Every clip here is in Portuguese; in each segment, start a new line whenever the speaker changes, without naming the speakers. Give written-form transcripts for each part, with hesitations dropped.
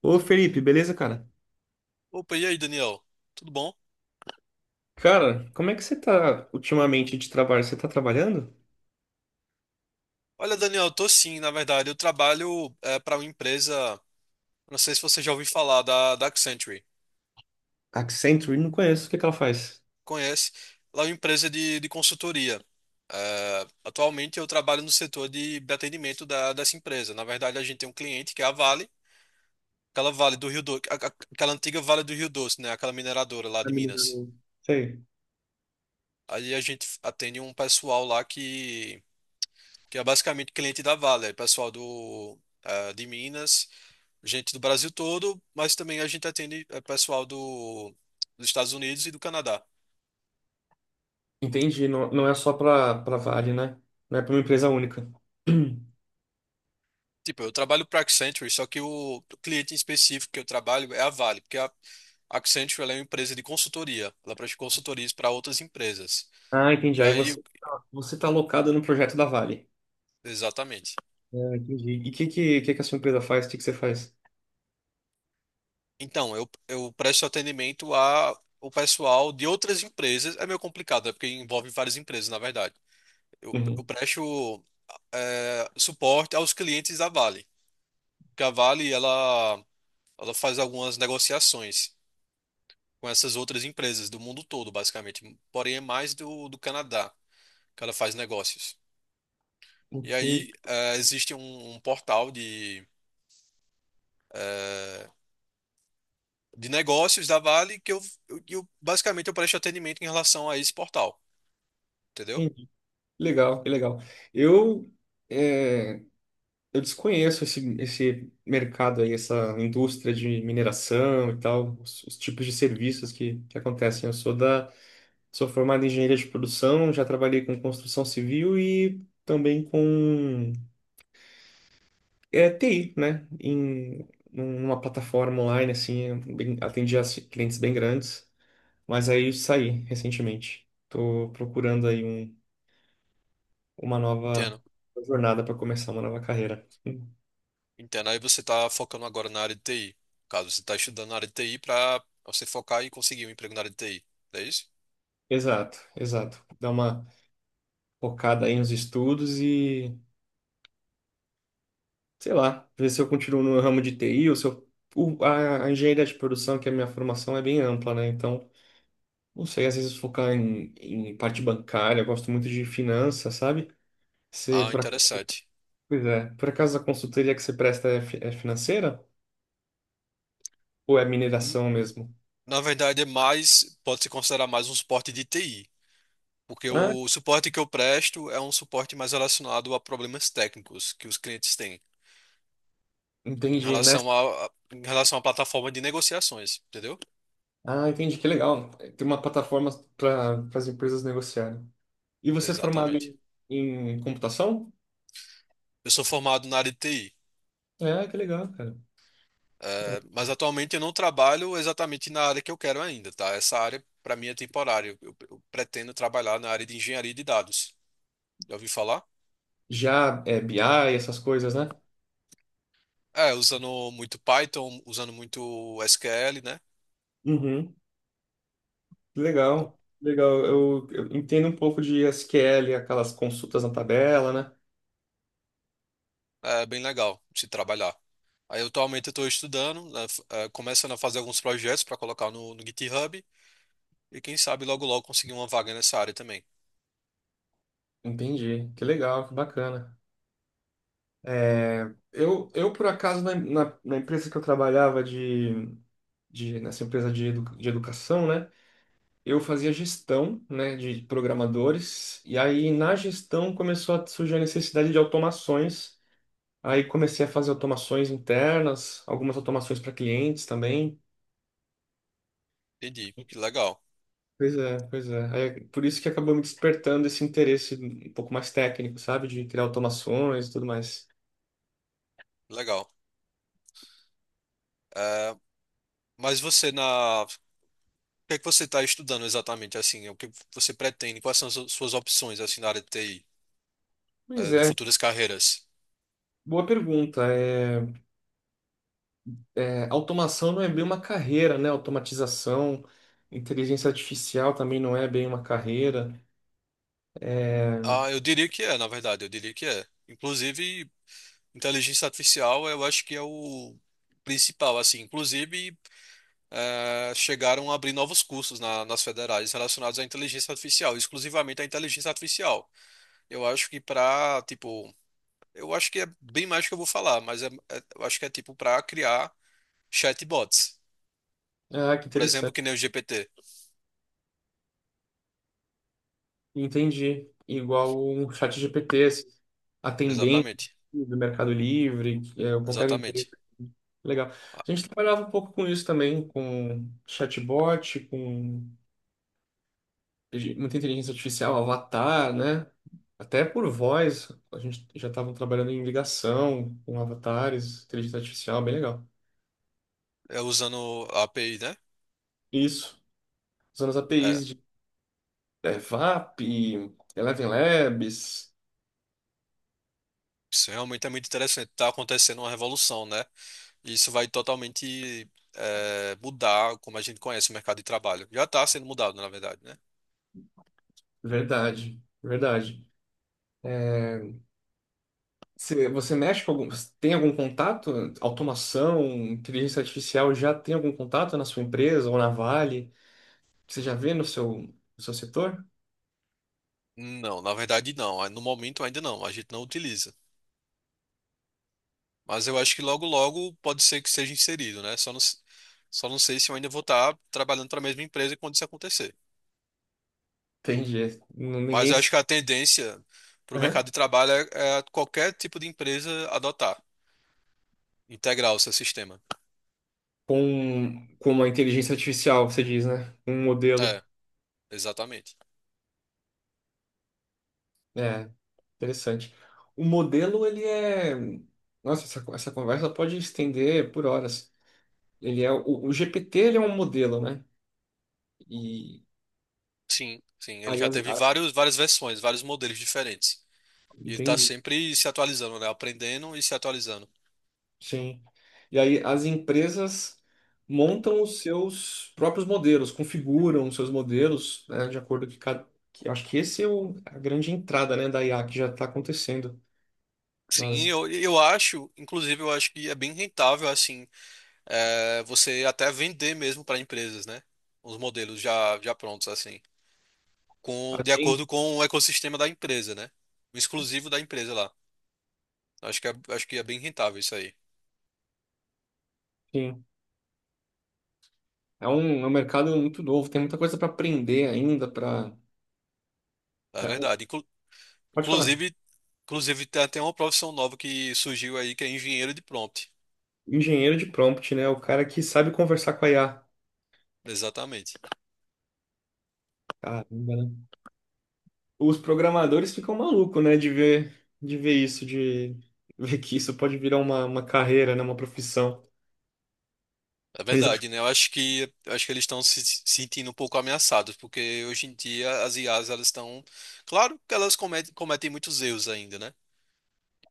Ô Felipe, beleza, cara?
Opa, e aí, Daniel? Tudo bom?
Cara, como é que você tá ultimamente de trabalho? Você tá trabalhando?
Olha, Daniel, eu tô sim, na verdade. Eu trabalho para uma empresa, não sei se você já ouviu falar, da Accenture.
Accenture? Não conheço. O que ela faz?
Conhece? Ela é uma empresa de consultoria. É, atualmente eu trabalho no setor de atendimento dessa empresa. Na verdade, a gente tem um cliente que é a Vale, aquela Vale do Rio Doce, aquela antiga Vale do Rio Doce, né? Aquela mineradora lá
Tá
de
me
Minas.
ligando. Sei.
Aí a gente atende um pessoal lá que é basicamente cliente da Vale, é pessoal de Minas. Gente do Brasil todo, mas também a gente atende pessoal dos Estados Unidos e do Canadá.
Entendi. Não, não é só pra Vale, né? Não é pra uma empresa única.
Tipo, eu trabalho para Accenture, só que o cliente em específico que eu trabalho é a Vale, porque a Accenture ela é uma empresa de consultoria, ela presta consultorias para outras empresas.
Ah, entendi.
E
Aí
aí,
você tá alocado no projeto da Vale.
exatamente.
Ah, entendi. E o que a sua empresa faz? O que você faz?
Então, eu presto atendimento a o pessoal de outras empresas. É meio complicado, é porque envolve várias empresas, na verdade. Eu
Uhum.
presto suporte aos clientes da Vale. Porque a Vale, ela faz algumas negociações com essas outras empresas do mundo todo, basicamente. Porém, é mais do Canadá que ela faz negócios. E
Entendi.
aí, existe um portal de negócios da Vale que basicamente eu presto atendimento em relação a esse portal. Entendeu?
Entendi. Legal, que legal. Eu. Eu desconheço esse mercado aí, essa indústria de mineração e tal, os tipos de serviços que acontecem. Sou formado em engenharia de produção, já trabalhei com construção civil e também com TI, né? Em numa plataforma online, assim, atendi a clientes bem grandes, mas aí saí recentemente. Tô procurando aí uma nova
Entendo.
jornada para começar uma nova carreira.
Entendo. Aí você está focando agora na área de TI. No caso você está estudando na área de TI para você focar e conseguir um emprego na área de TI. É isso?
Exato, exato. Dá uma focada aí nos estudos e, sei lá, ver se eu continuo no ramo de TI ou se eu. A engenharia de produção, que é a minha formação, é bem ampla, né? Então, não sei, às vezes focar em parte bancária, eu gosto muito de finanças, sabe? Você,
Ah,
por acaso,
interessante.
pois é, Por acaso a consultoria que você presta é, é financeira ou é
N-
mineração mesmo?
Na verdade, é mais, pode se considerar mais um suporte de TI. Porque
Ah,
o suporte que eu presto é um suporte mais relacionado a problemas técnicos que os clientes têm em
entendi, né?
relação a, em relação à plataforma de negociações, entendeu?
Ah, entendi, que legal. Tem uma plataforma para as empresas negociarem. E você é formado
Exatamente.
em computação?
Eu sou formado na área de TI,
É, que legal, cara.
mas atualmente eu não trabalho exatamente na área que eu quero ainda, tá? Essa área para mim é temporária. Eu pretendo trabalhar na área de engenharia de dados. Já ouvi falar?
Já é BI, essas coisas, né?
É, usando muito Python, usando muito SQL, né?
Uhum. Legal, legal. Eu entendo um pouco de SQL, aquelas consultas na tabela, né?
É bem legal se trabalhar. Aí atualmente eu estou estudando, né, começando a fazer alguns projetos para colocar no GitHub e quem sabe logo logo conseguir uma vaga nessa área também.
Entendi. Que legal, que bacana. É, por acaso, na empresa que eu trabalhava de nessa empresa de, de educação, né? Eu fazia gestão, né, de programadores, e aí na gestão começou a surgir a necessidade de automações. Aí comecei a fazer automações internas, algumas automações para clientes também.
Entendi. Que legal,
Pois é, pois é. Aí é por isso que acabou me despertando esse interesse um pouco mais técnico, sabe? De criar automações e tudo mais.
que legal. Eh, mas o que é que você está estudando exatamente assim? O que você pretende? Quais são as suas opções assim na área de TI,
Pois
de
é,
futuras carreiras?
boa pergunta. Automação não é bem uma carreira, né? Automatização, inteligência artificial também não é bem uma carreira. É,
Ah, eu diria que é, na verdade, eu diria que é. Inclusive, inteligência artificial, eu acho que é o principal, assim, inclusive chegaram a abrir novos cursos nas federais relacionados à inteligência artificial, exclusivamente à inteligência artificial. Eu acho que para, tipo, eu acho que é bem mais do que eu vou falar, mas eu acho que é tipo para criar chatbots,
ah, que
por exemplo,
interessante.
que nem o GPT.
Entendi. Igual um chat GPT, esse atendente
Exatamente,
do Mercado Livre, é, qualquer empresa.
exatamente.
Legal.
Ah,
A gente trabalhava um pouco com isso também, com chatbot, com muita inteligência artificial, avatar, né? Até por voz, a gente já estava trabalhando em ligação com avatares, inteligência artificial, bem legal.
é usando a API, né?
Isso, usando as
É,
APIs de é, VAP, Eleven Labs,
isso realmente é muito interessante. Está acontecendo uma revolução, né? E isso vai totalmente mudar como a gente conhece o mercado de trabalho. Já está sendo mudado, na verdade, né?
verdade, verdade. É, você, você mexe com algum, tem algum contato? Automação, inteligência artificial, já tem algum contato na sua empresa ou na Vale? Você já vê no seu, no seu setor?
Não, na verdade não. No momento ainda não, a gente não utiliza. Mas eu acho que logo logo pode ser que seja inserido, né? Só não sei se eu ainda vou estar trabalhando para a mesma empresa quando isso acontecer.
Entendi. É, n-
Mas
ninguém.
eu acho que a tendência para o mercado de trabalho é qualquer tipo de empresa adotar, integrar o seu sistema.
Com uma inteligência artificial, você diz, né? Um modelo.
É, exatamente.
É, interessante. O modelo, ele é. Nossa, essa conversa pode estender por horas. Ele é o GPT, ele é um modelo, né? E
Sim, sim. Ele
aí
já teve várias versões, vários modelos diferentes. E ele está
entendi.
sempre se atualizando, né? Aprendendo e se atualizando.
Sim. E aí as empresas montam os seus próprios modelos, configuram os seus modelos, né, de acordo com cada. Acho que esse é o, a grande entrada, né, da IA que já está acontecendo
Sim,
nas
eu acho, inclusive, eu acho que é bem rentável, assim, você até vender mesmo para empresas, né? Os modelos já prontos, assim, de
agências.
acordo com o ecossistema da empresa, né? O exclusivo da empresa lá. Acho que é bem rentável isso aí,
É um mercado muito novo, tem muita coisa para aprender ainda, para
é verdade.
pode falar.
Inclusive, inclusive, tem até uma profissão nova que surgiu aí, que é engenheiro de prompt.
Engenheiro de prompt, né? O cara que sabe conversar com a IA.
Exatamente.
Caramba, né? Os programadores ficam malucos, né? De ver isso, de ver que isso pode virar uma carreira, né? Uma profissão.
É
Eles acham
verdade, né? Eu acho que eles estão se sentindo um pouco ameaçados, porque hoje em dia as IAs elas estão, claro que elas cometem muitos erros ainda, né?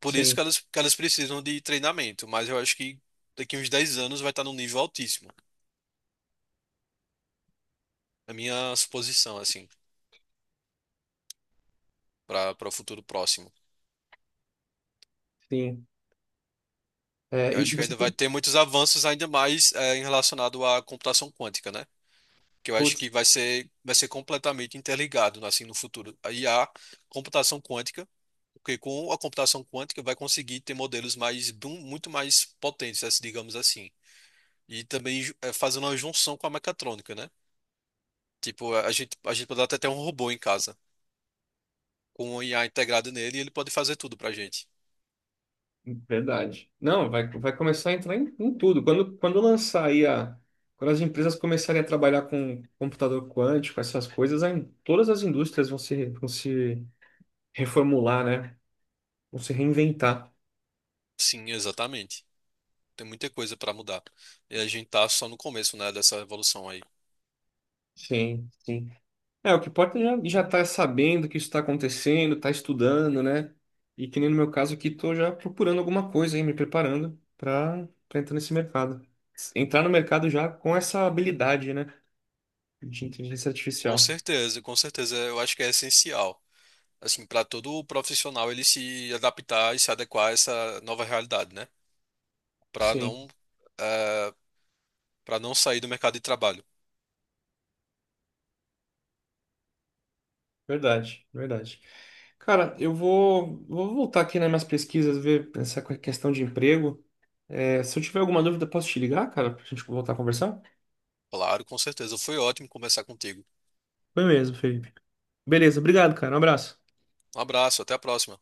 Por isso que
sim,
elas, que elas precisam de treinamento, mas eu acho que daqui uns 10 anos vai estar num nível altíssimo. A minha suposição, assim, para o futuro próximo.
sim. É,
Eu
e
acho que
você,
ainda vai ter muitos avanços, ainda mais em relacionado à computação quântica, né? Que eu acho
putz,
que vai ser completamente interligado, assim, no futuro. Aí a computação quântica, porque com a computação quântica vai conseguir ter modelos muito mais potentes, assim, digamos assim. E também fazendo uma junção com a mecatrônica, né? Tipo, a gente pode até ter um robô em casa. Com o IA integrado nele, ele pode fazer tudo pra gente.
verdade. Não, vai, vai começar a entrar em, em tudo. Quando, quando lançar aí a. Quando as empresas começarem a trabalhar com computador quântico, essas coisas, aí todas as indústrias vão se reformular, né? Vão se reinventar.
Sim, exatamente. Tem muita coisa pra mudar. E a gente tá só no começo, né, dessa evolução aí.
Sim, sim. É, o que importa é já, já tá sabendo que isso está acontecendo, tá estudando, né? E que nem no meu caso aqui, tô já procurando alguma coisa aí, me preparando para entrar nesse mercado. Entrar no mercado já com essa habilidade, né? De inteligência
Com
artificial.
certeza, com certeza. Eu acho que é essencial, assim, para todo profissional ele se adaptar e se adequar a essa nova realidade, né? para
Sim.
não, para não sair do mercado de trabalho.
Verdade, verdade. Cara, eu vou, vou voltar aqui nas minhas pesquisas, ver essa questão de emprego. É, se eu tiver alguma dúvida, posso te ligar, cara, pra gente voltar a conversar?
Claro, com certeza. Foi ótimo conversar contigo.
Foi mesmo, Felipe. Beleza, obrigado, cara. Um abraço.
Um abraço, até a próxima.